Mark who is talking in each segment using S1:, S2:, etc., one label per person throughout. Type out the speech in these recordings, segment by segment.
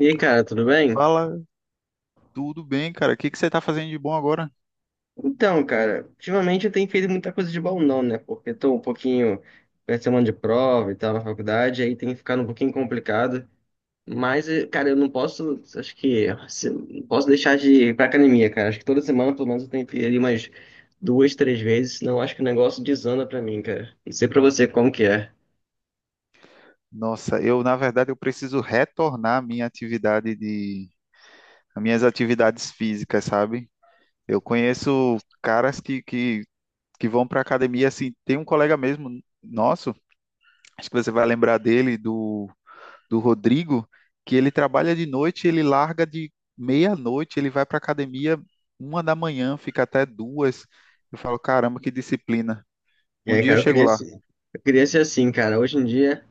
S1: E aí, cara, tudo bem?
S2: Fala, tudo bem, cara? O que que você está fazendo de bom agora?
S1: Então, cara, ultimamente eu tenho feito muita coisa de bom não, né? Porque tô um pouquinho perto de semana de prova e tal na faculdade, aí tem ficado um pouquinho complicado. Mas, cara, eu não posso, acho que, não posso deixar de ir pra academia, cara. Acho que toda semana, pelo menos, eu tenho que ir ali umas duas, três vezes, senão eu acho que o negócio desanda pra mim, cara. Não sei pra você como que é.
S2: Nossa, eu, na verdade, eu preciso retornar à minha atividade de, às minhas atividades físicas, sabe? Eu conheço caras que vão para academia, assim, tem um colega mesmo nosso, acho que você vai lembrar dele, do Rodrigo, que ele trabalha de noite, ele larga de meia-noite, ele vai para academia 1 da manhã, fica até duas. Eu falo, caramba, que disciplina.
S1: E
S2: Um
S1: aí,
S2: dia eu
S1: cara,
S2: chego lá.
S1: eu queria ser assim, cara. Hoje em dia.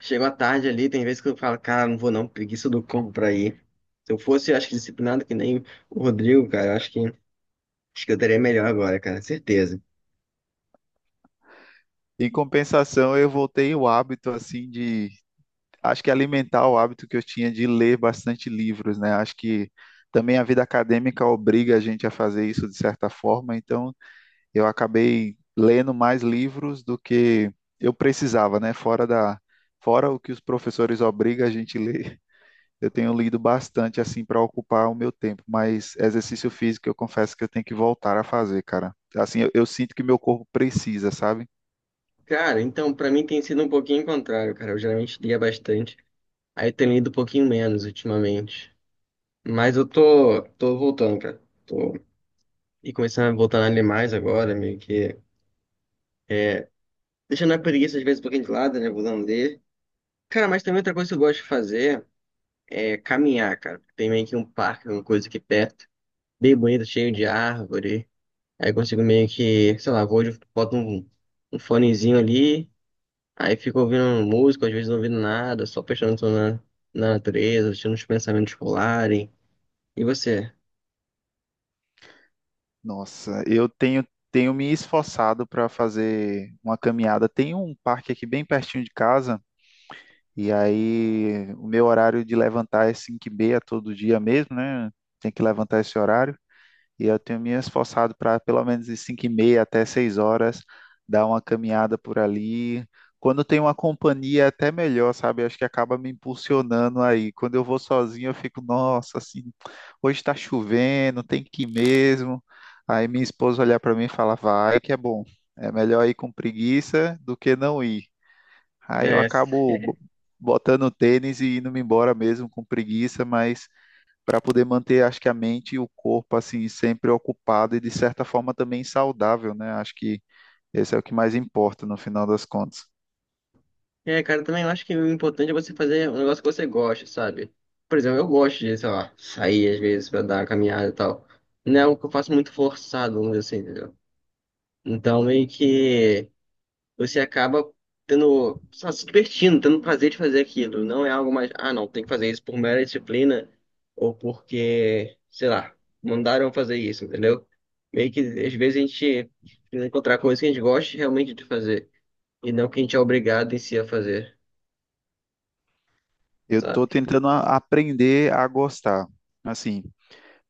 S1: Chegou à tarde ali, tem vezes que eu falo, cara, não vou não, preguiça do cão pra ir. Se eu fosse, acho que disciplinado que nem o Rodrigo, cara, eu acho que eu estaria melhor agora, cara, certeza.
S2: Em compensação, eu voltei o hábito assim de, acho que alimentar o hábito que eu tinha de ler bastante livros, né? Acho que também a vida acadêmica obriga a gente a fazer isso de certa forma, então eu acabei lendo mais livros do que eu precisava, né? Fora da, fora o que os professores obrigam a gente ler. Eu tenho lido bastante assim para ocupar o meu tempo, mas exercício físico eu confesso que eu tenho que voltar a fazer, cara. Assim, eu sinto que meu corpo precisa, sabe?
S1: Cara, então, pra mim tem sido um pouquinho contrário, cara. Eu geralmente lia bastante, aí eu tenho lido um pouquinho menos ultimamente. Mas eu tô, tô voltando, cara. Tô e começando a voltar a ler mais agora, meio que é, deixando a preguiça às vezes um pouquinho de lado, né, voltando a ler. Cara, mas também outra coisa que eu gosto de fazer é caminhar, cara. Tem meio que um parque, uma coisa aqui perto, bem bonito, cheio de árvore. Aí consigo meio que, sei lá, vou, boto um, um fonezinho ali, aí fico ouvindo música, às vezes não ouvindo nada, só prestando atenção na, na natureza, deixando os pensamentos rolarem. E você?
S2: Nossa, eu tenho me esforçado para fazer uma caminhada. Tem um parque aqui bem pertinho de casa, e aí o meu horário de levantar é 5h30 todo dia mesmo, né? Tem que levantar esse horário. E eu tenho me esforçado para pelo menos de 5h30 até 6 horas dar uma caminhada por ali. Quando tem uma companhia, é até melhor, sabe? Eu acho que acaba me impulsionando aí. Quando eu vou sozinho, eu fico, nossa, assim, hoje está chovendo, tem que ir mesmo. Aí minha esposa olhar para mim e falar, vai, que é bom. É melhor ir com preguiça do que não ir. Aí eu
S1: É.
S2: acabo botando o tênis e indo-me embora mesmo com preguiça, mas para poder manter, acho que a mente e o corpo assim sempre ocupado e de certa forma também saudável, né? Acho que esse é o que mais importa no final das contas.
S1: É, cara, também eu acho que o importante é você fazer um negócio que você gosta, sabe? Por exemplo, eu gosto de, sei lá, sair às vezes pra dar uma caminhada e tal. Não é algo que eu faço muito forçado, vamos dizer assim, entendeu? Então, meio que você acaba tendo, só se divertindo, tendo prazer de fazer aquilo. Não é algo mais, ah, não, tem que fazer isso por mera disciplina ou porque, sei lá, mandaram fazer isso, entendeu? Meio que às vezes a gente precisa encontrar coisas que a gente gosta realmente de fazer e não que a gente é obrigado em si a fazer,
S2: Eu estou
S1: sabe?
S2: tentando aprender a gostar. Assim,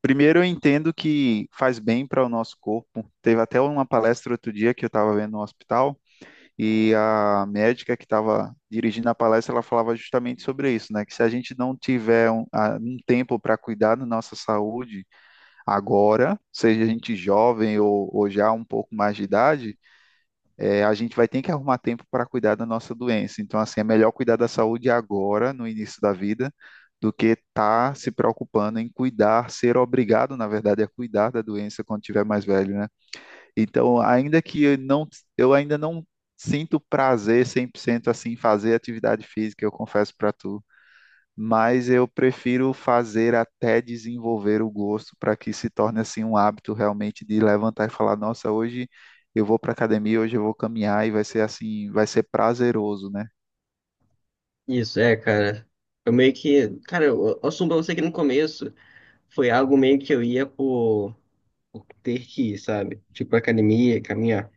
S2: primeiro eu entendo que faz bem para o nosso corpo. Teve até uma palestra outro dia que eu estava vendo no hospital e a médica que estava dirigindo a palestra, ela falava justamente sobre isso, né? Que se a gente não tiver um tempo para cuidar da nossa saúde agora, seja a gente jovem ou já um pouco mais de idade, é, a gente vai ter que arrumar tempo para cuidar da nossa doença. Então, assim, é melhor cuidar da saúde agora, no início da vida, do que estar tá se preocupando em cuidar, ser obrigado, na verdade, a cuidar da doença quando tiver mais velho, né? Então, ainda que eu não, eu ainda não sinto prazer 100% assim em fazer atividade física, eu confesso para tu, mas eu prefiro fazer até desenvolver o gosto para que se torne assim um hábito realmente de levantar e falar, nossa, hoje eu vou para academia, hoje eu vou caminhar e vai ser assim, vai ser prazeroso, né?
S1: Isso é, cara. Eu meio que, cara, eu assumo pra você que no começo foi algo meio que eu ia por ter que ir, sabe? Tipo, academia, caminhar.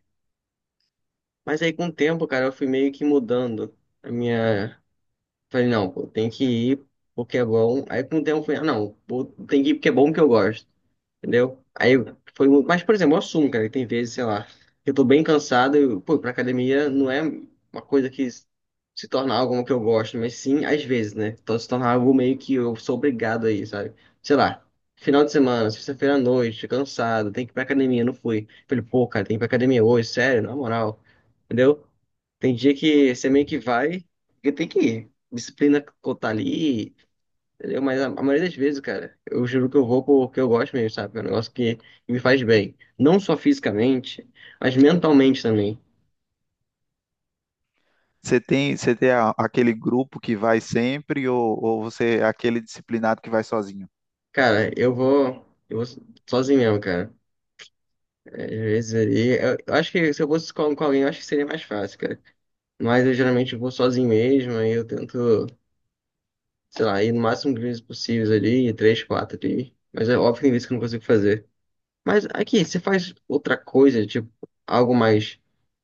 S1: Mas aí com o tempo, cara, eu fui meio que mudando a minha. Falei, não, pô, tem que ir porque é bom. Aí com o tempo eu falei, ah, não, pô, tem que ir porque é bom que eu gosto, entendeu? Aí foi. Mas, por exemplo, eu assumo, cara, que tem vezes, sei lá, que eu tô bem cansado, eu, pô, pra academia não é uma coisa que se torna algo que eu gosto, mas sim, às vezes, né? Então se torna algo meio que eu sou obrigado aí, sabe? Sei lá. Final de semana, sexta-feira à noite, cansado, tem que ir pra academia, não fui. Falei, pô, cara, tem que ir pra academia hoje, sério, na moral, entendeu? Tem dia que você meio que vai, porque tem que ir. Disciplina tá ali, entendeu? Mas a maioria das vezes, cara, eu juro que eu vou porque eu gosto mesmo, sabe? É um negócio que me faz bem. Não só fisicamente, mas mentalmente também.
S2: Você tem aquele grupo que vai sempre ou você é aquele disciplinado que vai sozinho?
S1: Cara, eu vou sozinho mesmo, cara. Às vezes ali, eu acho que se eu fosse com alguém, eu acho que seria mais fácil, cara. Mas eu geralmente vou sozinho mesmo, aí eu tento, sei lá, ir no máximo de vezes possíveis ali, três, quatro ali. Mas é óbvio que tem vezes que eu não consigo fazer. Mas aqui, você faz outra coisa, tipo, algo mais.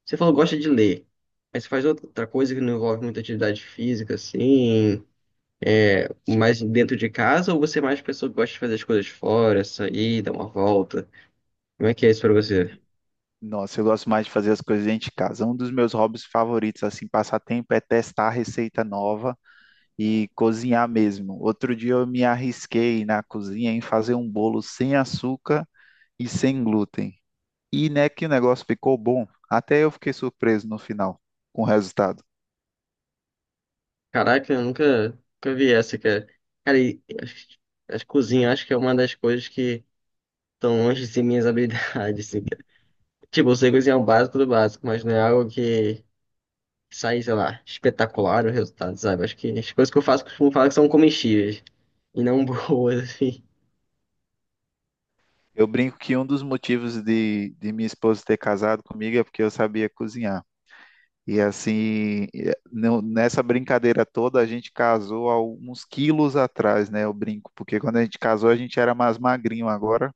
S1: Você falou que gosta de ler. Mas você faz outra coisa que não envolve muita atividade física, assim, mais dentro de casa, ou você é mais pessoa que gosta de fazer as coisas fora, sair, dar uma volta? Como é que é isso pra você?
S2: Nossa, eu gosto mais de fazer as coisas dentro de casa. Um dos meus hobbies favoritos, assim, passar tempo é testar receita nova e cozinhar mesmo. Outro dia eu me arrisquei na cozinha em fazer um bolo sem açúcar e sem glúten. E né, que o negócio ficou bom. Até eu fiquei surpreso no final com o resultado.
S1: Caraca, eu nunca, nunca vi essa, cara. Cara, e acho que cozinha acho que é uma das coisas que estão longe de ser minhas habilidades, assim, cara. Tipo, eu sei cozinhar o básico do básico, mas não é algo que sair, sei lá, espetacular o resultado, sabe? Acho que as coisas que eu faço costumo falar que são comestíveis e não boas, assim.
S2: Eu brinco que um dos motivos de minha esposa ter casado comigo é porque eu sabia cozinhar. E assim, eh, nessa brincadeira toda, a gente casou há uns quilos atrás, né? Eu brinco, porque quando a gente casou, a gente era mais magrinho. Agora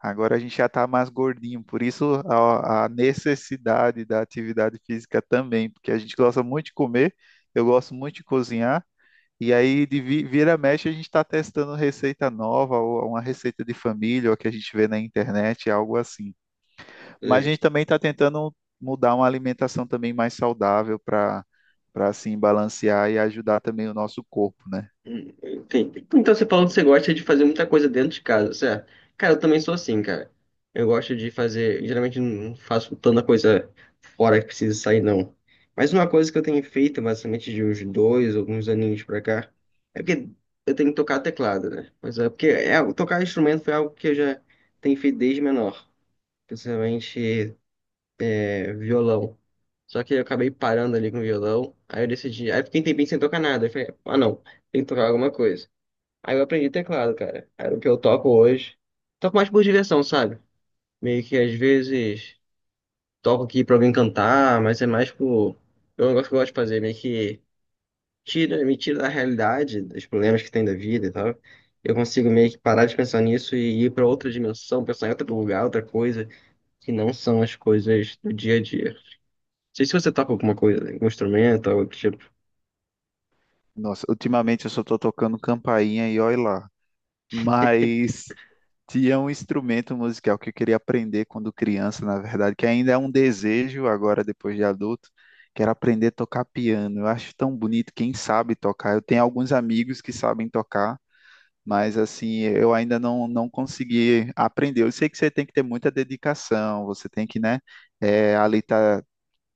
S2: Agora a gente já está mais gordinho, por isso a necessidade da atividade física também, porque a gente gosta muito de comer, eu gosto muito de cozinhar, e aí de vira mexe a gente está testando receita nova, ou uma receita de família, ou a que a gente vê na internet, algo assim. Mas a
S1: É.
S2: gente também está tentando mudar uma alimentação também mais saudável para assim balancear e ajudar também o nosso corpo, né?
S1: Enfim. Então você falou que você gosta de fazer muita coisa dentro de casa, certo? Cara, eu também sou assim, cara. Eu gosto de fazer. Geralmente não faço tanta coisa fora que precisa sair, não. Mas uma coisa que eu tenho feito, basicamente de uns dois, alguns aninhos pra cá, é porque eu tenho que tocar teclado, né? Mas é porque é, tocar instrumento foi algo que eu já tenho feito desde menor. Principalmente é, violão. Só que eu acabei parando ali com o violão. Aí eu decidi. Aí eu fiquei um tempinho sem tocar nada. Eu falei, ah, não, tem que tocar alguma coisa. Aí eu aprendi teclado, cara. Era o que eu toco hoje. Toco mais por diversão, sabe? Meio que às vezes toco aqui pra alguém cantar, mas é mais por. É um negócio que eu gosto de fazer, meio que tira, me tira da realidade, dos problemas que tem da vida e tal. Eu consigo meio que parar de pensar nisso e ir pra outra dimensão, pensar em outro lugar, outra coisa, que não são as coisas do dia a dia, sei se você toca alguma coisa, né? Algum instrumento, algo do tipo.
S2: Nossa, ultimamente eu só estou tocando campainha e olha lá. Mas tinha um instrumento musical que eu queria aprender quando criança, na verdade, que ainda é um desejo agora, depois de adulto, que era aprender a tocar piano. Eu acho tão bonito quem sabe tocar. Eu tenho alguns amigos que sabem tocar, mas assim, eu ainda não consegui aprender. Eu sei que você tem que ter muita dedicação, você tem que, né, eh, ali tá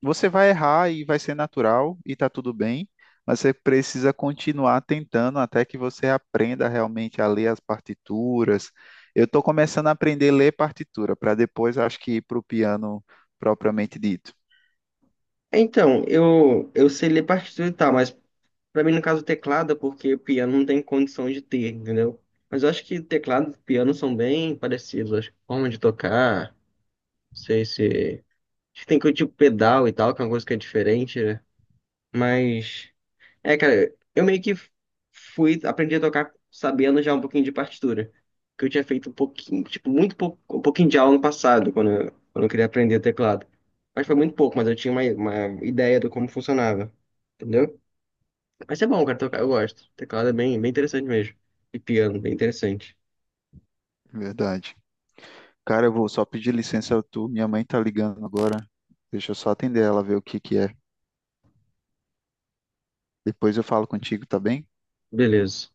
S2: você vai errar e vai ser natural e tá tudo bem, mas você precisa continuar tentando até que você aprenda realmente a ler as partituras. Eu estou começando a aprender a ler partitura, para depois acho que ir para o piano propriamente dito.
S1: Então, eu sei ler partitura e tal, mas pra mim, no caso, teclado, é porque piano não tem condição de ter, entendeu? Mas eu acho que teclado e piano são bem parecidos, acho que forma de tocar, não sei se... Acho que tem coisa tipo pedal e tal, que é uma coisa que é diferente, né? Mas... É, cara, eu meio que fui, aprendi a tocar sabendo já um pouquinho de partitura. Que eu tinha feito um pouquinho, tipo, muito pouco, um pouquinho de aula no passado, quando eu queria aprender teclado. Mas foi muito pouco, mas eu tinha uma ideia do como funcionava. Entendeu? Mas é bom, cara, tocar, eu gosto. Teclado é bem, bem interessante mesmo. E piano, bem interessante.
S2: Verdade. Cara, eu vou só pedir licença, tu, minha mãe tá ligando agora. Deixa eu só atender ela, ver o que que é. Depois eu falo contigo, tá bem?
S1: Beleza.